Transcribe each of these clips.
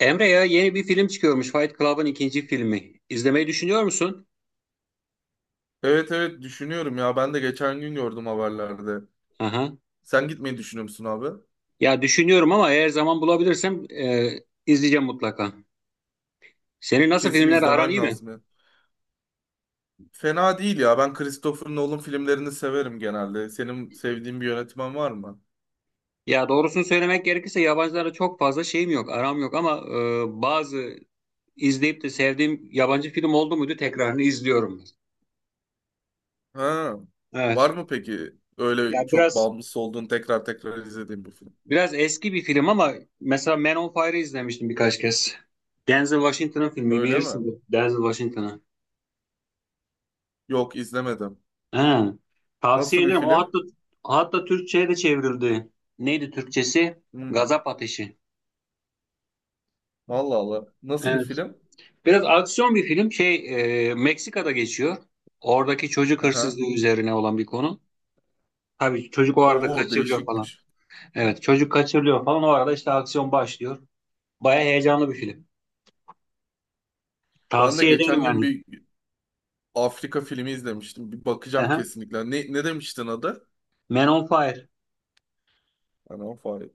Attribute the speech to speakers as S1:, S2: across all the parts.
S1: Emre, ya yeni bir film çıkıyormuş. Fight Club'ın ikinci filmi. İzlemeyi düşünüyor musun?
S2: Evet evet düşünüyorum ya. Ben de geçen gün gördüm haberlerde.
S1: Aha.
S2: Sen gitmeyi düşünüyor musun abi?
S1: Ya düşünüyorum ama eğer zaman bulabilirsem izleyeceğim mutlaka. Senin nasıl
S2: Kesin
S1: filmler aran,
S2: izlemen
S1: iyi mi?
S2: lazım ya. Fena değil ya. Ben Christopher Nolan filmlerini severim genelde. Senin sevdiğin bir yönetmen var mı?
S1: Ya doğrusunu söylemek gerekirse yabancılara çok fazla şeyim yok, aram yok ama bazı izleyip de sevdiğim yabancı film oldu muydu tekrarını izliyorum.
S2: Ha. Var
S1: Evet.
S2: mı peki? Öyle
S1: Ya
S2: çok
S1: biraz
S2: bağımlısı olduğun tekrar tekrar izlediğin bir film.
S1: biraz eski bir film ama mesela Man on Fire'ı izlemiştim birkaç kez. Denzel Washington'ın filmi,
S2: Öyle mi?
S1: bilirsin. Denzel Washington'ı.
S2: Yok izlemedim.
S1: He, tavsiye
S2: Nasıl bir
S1: ederim. O
S2: film?
S1: hatta Türkçe'ye de çevrildi. Neydi Türkçesi?
S2: Hmm.
S1: Gazap Ateşi.
S2: Allah Allah. Nasıl bir
S1: Evet.
S2: film?
S1: Biraz aksiyon bir film. Şey, Meksika'da geçiyor. Oradaki çocuk
S2: Aha.
S1: hırsızlığı üzerine olan bir konu. Tabii çocuk o arada
S2: Oo
S1: kaçırılıyor falan.
S2: değişikmiş.
S1: Evet, çocuk kaçırılıyor falan. O arada işte aksiyon başlıyor. Baya heyecanlı bir film.
S2: Ben de
S1: Tavsiye ederim
S2: geçen gün
S1: yani.
S2: bir Afrika filmi izlemiştim. Bir bakacağım
S1: Aha.
S2: kesinlikle. Ne demiştin adı?
S1: Man on Fire.
S2: Hani o fare.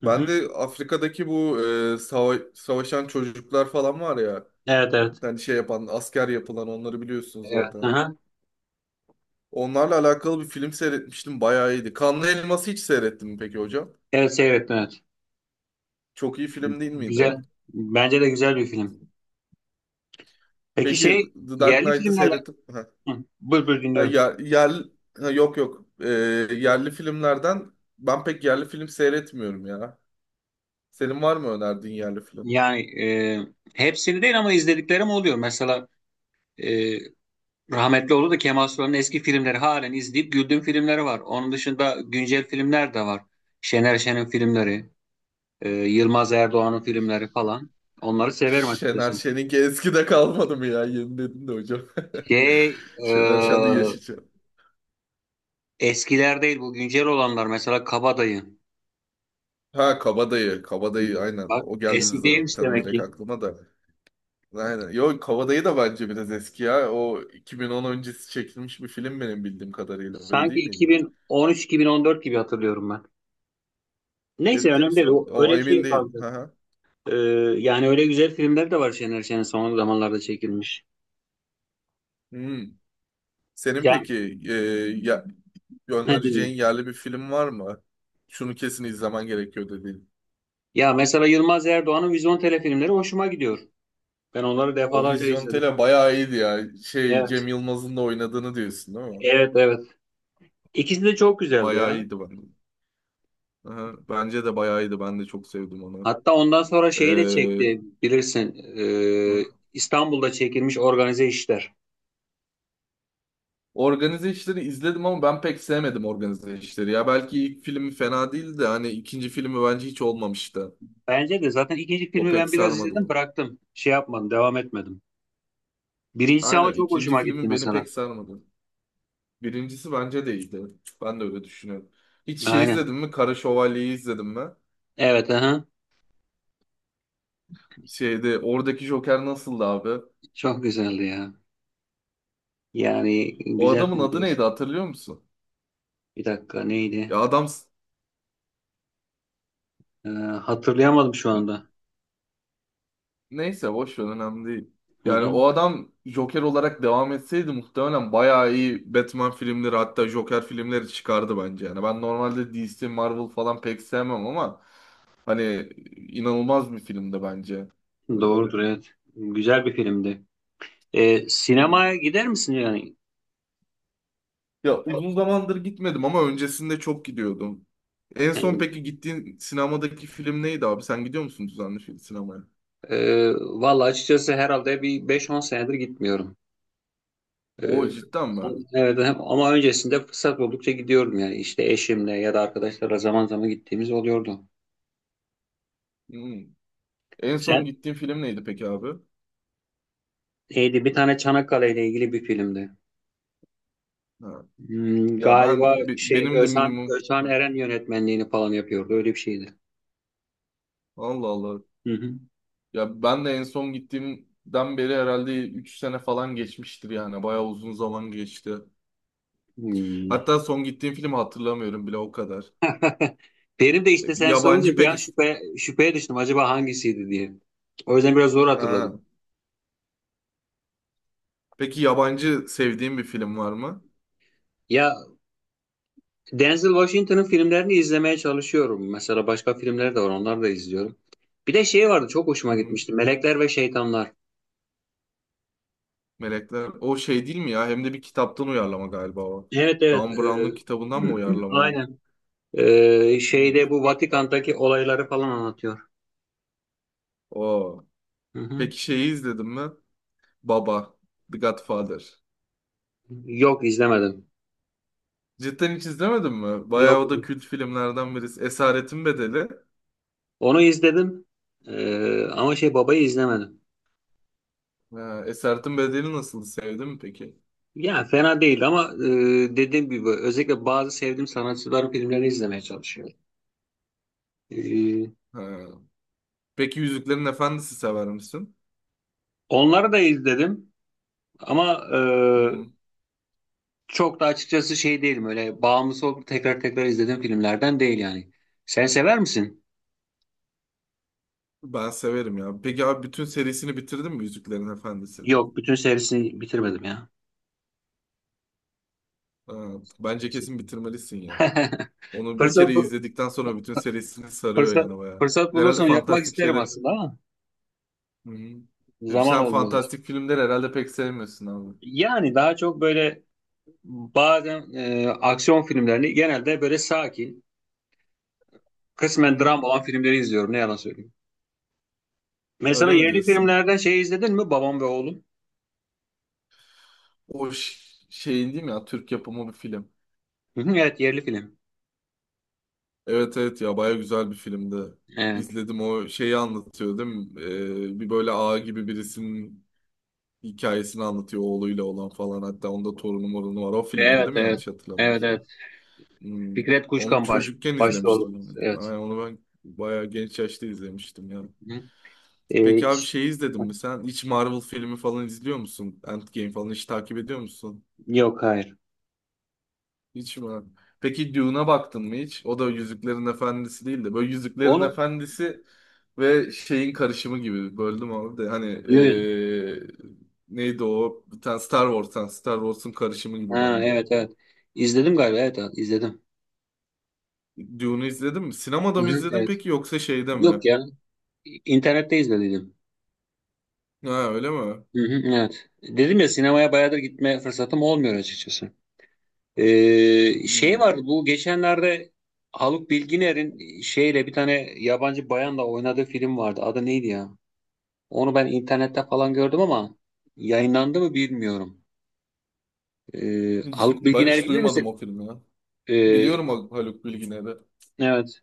S1: Hı
S2: Ben
S1: hı.
S2: de Afrika'daki bu savaşan çocuklar falan var ya.
S1: Evet, evet.
S2: Hani şey yapan, asker yapılan onları biliyorsunuz
S1: Evet.
S2: zaten.
S1: Aha.
S2: Onlarla alakalı bir film seyretmiştim. Bayağı iyiydi. Kanlı Elmas'ı hiç seyrettin mi peki hocam?
S1: Evet, seyrettim, evet.
S2: Çok iyi film değil miydi?
S1: Güzel. Bence de güzel bir film. Peki
S2: Peki
S1: şey,
S2: The Dark
S1: yerli
S2: Knight'ı
S1: filmlerle...
S2: seyrettim. Ha,
S1: Hı, buyur buyur dinliyorum.
S2: ya, yer, ha, yok yok. E, yerli filmlerden ben pek yerli film seyretmiyorum ya. Senin var mı önerdiğin yerli film?
S1: Yani hepsini değil ama izlediklerim oluyor. Mesela e, rahmetli oldu da Kemal Sunal'ın eski filmleri halen izleyip güldüğüm filmleri var. Onun dışında güncel filmler de var. Şener Şen'in filmleri, Yılmaz Erdoğan'ın filmleri falan. Onları severim açıkçası.
S2: Şener Şen'inki eskide kalmadı mı ya? Yeni dedin de hocam.
S1: Şey,
S2: Şener Şen de yaşayacak.
S1: eskiler değil, bu güncel olanlar. Mesela Kabadayı.
S2: Ha Kabadayı. Kabadayı aynen.
S1: Bak
S2: O geldi
S1: eski değilmiş
S2: zaten
S1: demek
S2: direkt
S1: ki.
S2: aklıma da. Aynen. Yo Kabadayı da bence biraz eski ya. O 2010 öncesi çekilmiş bir film benim bildiğim kadarıyla. Öyle
S1: Sanki
S2: değil miydi?
S1: 2013-2014 gibi hatırlıyorum ben. Neyse,
S2: Ciddi
S1: önemli değil.
S2: misin? O
S1: Öyle bir
S2: emin
S1: şey
S2: değilim.
S1: kaldı.
S2: Hı hı.
S1: Ee, Yani öyle güzel filmler de var, Şener Şen'in son zamanlarda çekilmiş.
S2: Hmm. Senin
S1: Ya
S2: peki ya,
S1: ne diyeyim?
S2: önereceğin yerli bir film var mı? Şunu kesin izlemen gerekiyor dedi.
S1: Ya mesela Yılmaz Erdoğan'ın Vizyon filmleri hoşuma gidiyor. Ben onları
S2: O
S1: defalarca
S2: Vizyon
S1: izledim.
S2: Tele bayağı iyiydi ya. Şey
S1: Evet.
S2: Cem Yılmaz'ın da oynadığını diyorsun değil mi?
S1: Evet, evet. İkisi de çok güzeldi
S2: Bayağı
S1: ya.
S2: iyiydi ben. Aha, bence de bayağı iyiydi. Ben de çok sevdim onu.
S1: Hatta ondan sonra şeyi de
S2: Ee,
S1: çekti, bilirsin. İstanbul'da çekilmiş Organize İşler.
S2: organize işleri izledim ama ben pek sevmedim organize işleri. Ya belki ilk filmi fena değildi de hani ikinci filmi bence hiç olmamıştı.
S1: Bence de zaten ikinci
S2: O
S1: filmi
S2: pek
S1: ben biraz
S2: sarmadı
S1: izledim,
S2: onu.
S1: bıraktım. Şey yapmadım, devam etmedim. Birincisi ama
S2: Aynen
S1: çok
S2: ikinci
S1: hoşuma gitti
S2: filmi beni
S1: mesela.
S2: pek sarmadı. Birincisi bence de iyiydi. Ben de öyle düşünüyorum. Hiç şey
S1: Aynen.
S2: izledim mi? Kara Şövalye'yi izledim mi?
S1: Evet, aha.
S2: Şeyde oradaki Joker nasıldı abi?
S1: Çok güzeldi ya. Yani
S2: O
S1: güzel
S2: adamın adı
S1: filmdi.
S2: neydi hatırlıyor musun?
S1: Bir dakika,
S2: Ya
S1: neydi?
S2: adam
S1: Ee, Hatırlayamadım şu anda.
S2: neyse boş ver önemli değil.
S1: Hı
S2: Yani
S1: hı.
S2: o adam Joker olarak devam etseydi muhtemelen bayağı iyi Batman filmleri hatta Joker filmleri çıkardı bence. Yani ben normalde DC, Marvel falan pek sevmem ama hani inanılmaz bir filmdi bence. Evet.
S1: Doğrudur, evet. Güzel bir filmdi.
S2: Hmm.
S1: Sinemaya gider misin yani?
S2: Ya uzun zamandır gitmedim ama öncesinde çok gidiyordum. En son
S1: Yani,
S2: peki gittiğin sinemadaki film neydi abi? Sen gidiyor musun düzenli film sinemaya?
S1: vallahi açıkçası herhalde bir beş on senedir gitmiyorum.
S2: O
S1: Ee,
S2: cidden mi?
S1: evet, ama öncesinde fırsat buldukça gidiyorum yani. İşte eşimle ya da arkadaşlarla zaman zaman gittiğimiz oluyordu.
S2: Hmm. En son
S1: Sen...
S2: gittiğin film neydi peki abi?
S1: neydi? Bir tane Çanakkale ile ilgili bir filmdi.
S2: Ha.
S1: Hmm,
S2: Ya ben
S1: galiba şey
S2: benim de
S1: Özhan,
S2: minimum
S1: Özhan
S2: Ha.
S1: Eren yönetmenliğini falan yapıyordu. Öyle bir şeydi.
S2: Allah Allah.
S1: Hı hı.
S2: Ya ben de en son gittiğimden beri herhalde 3 sene falan geçmiştir yani. Bayağı uzun zaman geçti.
S1: Hmm.
S2: Hatta son gittiğim filmi hatırlamıyorum bile o kadar.
S1: Benim de
S2: E,
S1: işte sen
S2: Yabancı
S1: sorunca bir an
S2: peki
S1: şüpheye düştüm, acaba hangisiydi diye. O yüzden biraz zor
S2: ha.
S1: hatırladım.
S2: Peki yabancı sevdiğin bir film var mı?
S1: Ya Denzel Washington'ın filmlerini izlemeye çalışıyorum. Mesela başka filmler de var, onları da izliyorum. Bir de şey vardı, çok hoşuma
S2: Hı hı.
S1: gitmişti. Melekler ve Şeytanlar.
S2: Melekler. O şey değil mi ya? Hem de bir kitaptan uyarlama galiba o.
S1: Evet, evet.
S2: Dan Brown'un kitabından mı uyarlamaydı?
S1: Aynen.
S2: Hı.
S1: Şeyde bu Vatikan'daki olayları falan anlatıyor.
S2: O.
S1: Hı hı.
S2: Peki şeyi izledin mi? Baba, The Godfather.
S1: Yok, izlemedim.
S2: Cidden hiç izlemedin mi?
S1: Yok,
S2: Bayağı o da kült filmlerden birisi. Esaretin Bedeli.
S1: onu izledim. Ama şey, babayı izlemedim.
S2: Ha, Esaretin Bedeli nasıl sevdin mi peki?
S1: Ya fena değil ama dediğim gibi özellikle bazı sevdiğim sanatçıların filmlerini izlemeye çalışıyorum. E,
S2: Ha. Peki Yüzüklerin Efendisi sever misin?
S1: Onları da izledim ama
S2: Hmm,
S1: çok da açıkçası şey değilim, öyle bağımlısı olup tekrar tekrar izlediğim filmlerden değil yani. Sen sever misin?
S2: Ben severim ya. Peki abi bütün serisini bitirdin mi Yüzüklerin Efendisi'ni?
S1: Yok, bütün serisini bitirmedim ya.
S2: Ha, Bence kesin bitirmelisin ya. Onu bir kere
S1: Fırsat, bu-
S2: izledikten sonra bütün serisini sarıyor
S1: fırsat,
S2: yani bayağı.
S1: Fırsat
S2: Herhalde
S1: bulursam yapmak
S2: fantastik
S1: isterim
S2: şeyler...
S1: aslında ama
S2: Hı-hı.
S1: zaman
S2: Sen
S1: olmuyor.
S2: fantastik filmleri herhalde pek sevmiyorsun abi.
S1: Yani daha çok böyle, bazen aksiyon filmlerini, genelde böyle sakin, kısmen
S2: Hı-hı.
S1: dram olan filmleri izliyorum. Ne yalan söyleyeyim. Mesela
S2: Öyle mi
S1: yerli
S2: diyorsun?
S1: filmlerden şey izledin mi? Babam ve Oğlum.
S2: O şeyin değil mi ya Türk yapımı bir film.
S1: Hı hı, evet, yerli film.
S2: Evet evet ya baya güzel bir filmdi.
S1: Evet.
S2: İzledim o şeyi anlatıyor değil mi? Bir böyle ağa gibi birisinin hikayesini anlatıyor oğluyla olan falan. Hatta onda torunu morunu var. O filmdi
S1: Evet,
S2: değil mi
S1: evet.
S2: yanlış
S1: Evet,
S2: hatırlamıyorsam?
S1: evet.
S2: Hmm.
S1: Fikret
S2: Onu
S1: Kuşkan baş,
S2: çocukken
S1: başta
S2: izlemiştim
S1: oldu.
S2: ben.
S1: Evet.
S2: Ay, onu ben baya genç yaşta izlemiştim ya.
S1: Hı hı.
S2: Peki
S1: Ee,
S2: abi
S1: ş-
S2: şeyi izledin mi sen? Hiç Marvel filmi falan izliyor musun? Endgame falan hiç takip ediyor musun?
S1: Yok, hayır.
S2: Hiç mi? Peki Dune'a baktın mı hiç? O da Yüzüklerin Efendisi değil de böyle Yüzüklerin
S1: Onu
S2: Efendisi ve şeyin karışımı gibi böldüm abi de hani
S1: yok.
S2: neydi o? Bir tane Star Wars, yani Star Wars'un karışımı gibi
S1: Ha,
S2: bence.
S1: evet, evet. İzledim galiba. Evet, evet izledim.
S2: Dune'u izledin mi?
S1: Hı
S2: Sinemada mı
S1: hı,
S2: izledin
S1: evet.
S2: peki yoksa şeyde mi?
S1: Yok ya. İnternette izledim.
S2: Ha öyle mi?
S1: Hı hı, evet. Dedim ya, sinemaya bayağıdır gitme fırsatım olmuyor açıkçası. Şey
S2: Hmm.
S1: var, bu geçenlerde Haluk Bilginer'in şeyle bir tane yabancı bayanla oynadığı film vardı. Adı neydi ya? Onu ben internette falan gördüm ama yayınlandı mı bilmiyorum. Haluk
S2: Ben
S1: Bilginer,
S2: hiç
S1: bilir
S2: duymadım
S1: misin?
S2: o filmi ya.
S1: Ee,
S2: Biliyorum o Haluk Bilginer'i.
S1: evet.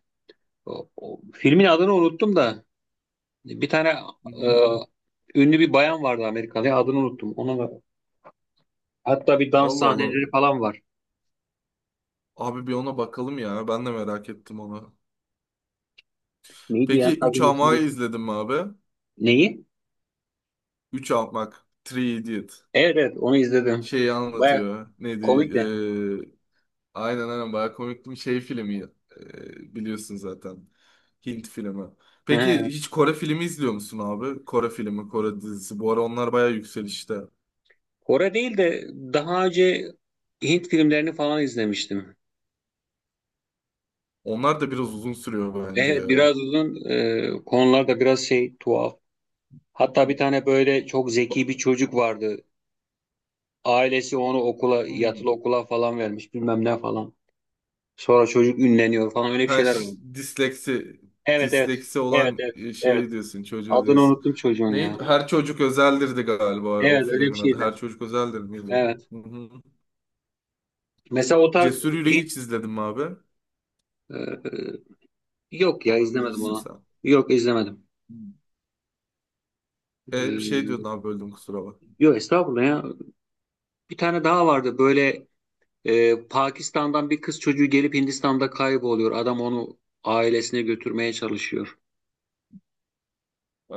S1: Filmin adını unuttum da bir tane
S2: Hı hı.
S1: e, ünlü bir bayan vardı, Amerikalı. Ya, adını unuttum. Ona hatta bir dans
S2: Allah Allah.
S1: sahneleri falan var.
S2: Abi bir ona bakalım ya. Ben de merak ettim onu.
S1: Neydi ya
S2: Peki 3
S1: kadın ismi?
S2: Ama'yı izledin mi abi?
S1: Neyi?
S2: Üç Almak. Three Idiot.
S1: Evet, evet onu izledim.
S2: Şeyi
S1: Baya
S2: anlatıyor. Neydi?
S1: komik de.
S2: Ee, aynen aynen bayağı komikti bir şey filmi. Biliyorsun zaten. Hint filmi. Peki hiç Kore filmi izliyor musun abi? Kore filmi, Kore dizisi. Bu ara onlar bayağı yükselişte.
S1: Kore değil de daha önce Hint filmlerini falan izlemiştim.
S2: Onlar da biraz uzun sürüyor bence
S1: Evet,
S2: ya.
S1: biraz uzun, konular da biraz şey, tuhaf. Hatta bir
S2: Hı.
S1: tane böyle çok zeki bir çocuk vardı. Ailesi onu okula, yatılı
S2: Hmm.
S1: okula falan vermiş, bilmem ne falan. Sonra çocuk ünleniyor falan, öyle bir
S2: Ha,
S1: şeyler oldu. Evet, evet,
S2: disleksi
S1: evet,
S2: olan
S1: evet, evet.
S2: şeyi diyorsun, çocuğu
S1: Adını
S2: diyorsun.
S1: unuttum çocuğun ya.
S2: Neydi? Her çocuk özeldirdi galiba o
S1: Evet, öyle bir
S2: filmin adı.
S1: şeydi.
S2: Her çocuk özeldir miydi?
S1: Evet.
S2: Hı hı.
S1: Mesela o tarz
S2: Cesur Yüreği
S1: Hint
S2: hiç izledim abi.
S1: e, yok ya,
S2: Onu
S1: izlemedim
S2: bilirsin
S1: onu.
S2: sen.
S1: Yok, izlemedim.
S2: Hmm. Bir şey diyordun
S1: E,
S2: abi böldüm kusura bak.
S1: Yok, estağfurullah ya. Bir tane daha vardı böyle, Pakistan'dan bir kız çocuğu gelip Hindistan'da kayboluyor. Adam onu ailesine götürmeye çalışıyor.
S2: Ee,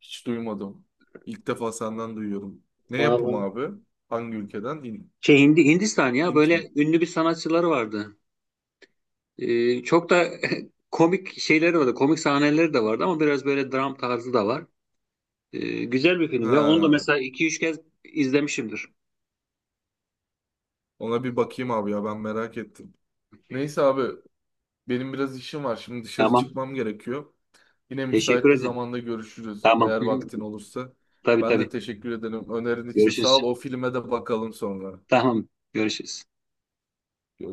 S2: hiç duymadım. İlk defa senden duyuyorum. Ne yapım
S1: Vallahi.
S2: abi? Hangi ülkeden?
S1: Şey Hindistan ya,
S2: Hint mi?
S1: böyle ünlü bir sanatçıları vardı. Çok da komik şeyleri vardı. Komik sahneleri de vardı ama biraz böyle dram tarzı da var. Güzel bir film ya. Onu da
S2: Ha,
S1: mesela iki üç kez izlemişimdir.
S2: ona bir bakayım abi ya ben merak ettim. Neyse abi benim biraz işim var. Şimdi dışarı
S1: Tamam.
S2: çıkmam gerekiyor. Yine
S1: Teşekkür
S2: müsait bir
S1: ederim.
S2: zamanda görüşürüz
S1: Tamam.
S2: eğer
S1: Hı,
S2: vaktin olursa.
S1: tabii
S2: Ben de
S1: tabii.
S2: teşekkür ederim. Önerin için sağ
S1: Görüşürüz.
S2: ol. O filme de bakalım sonra.
S1: Tamam. Görüşürüz.
S2: Görüşürüz.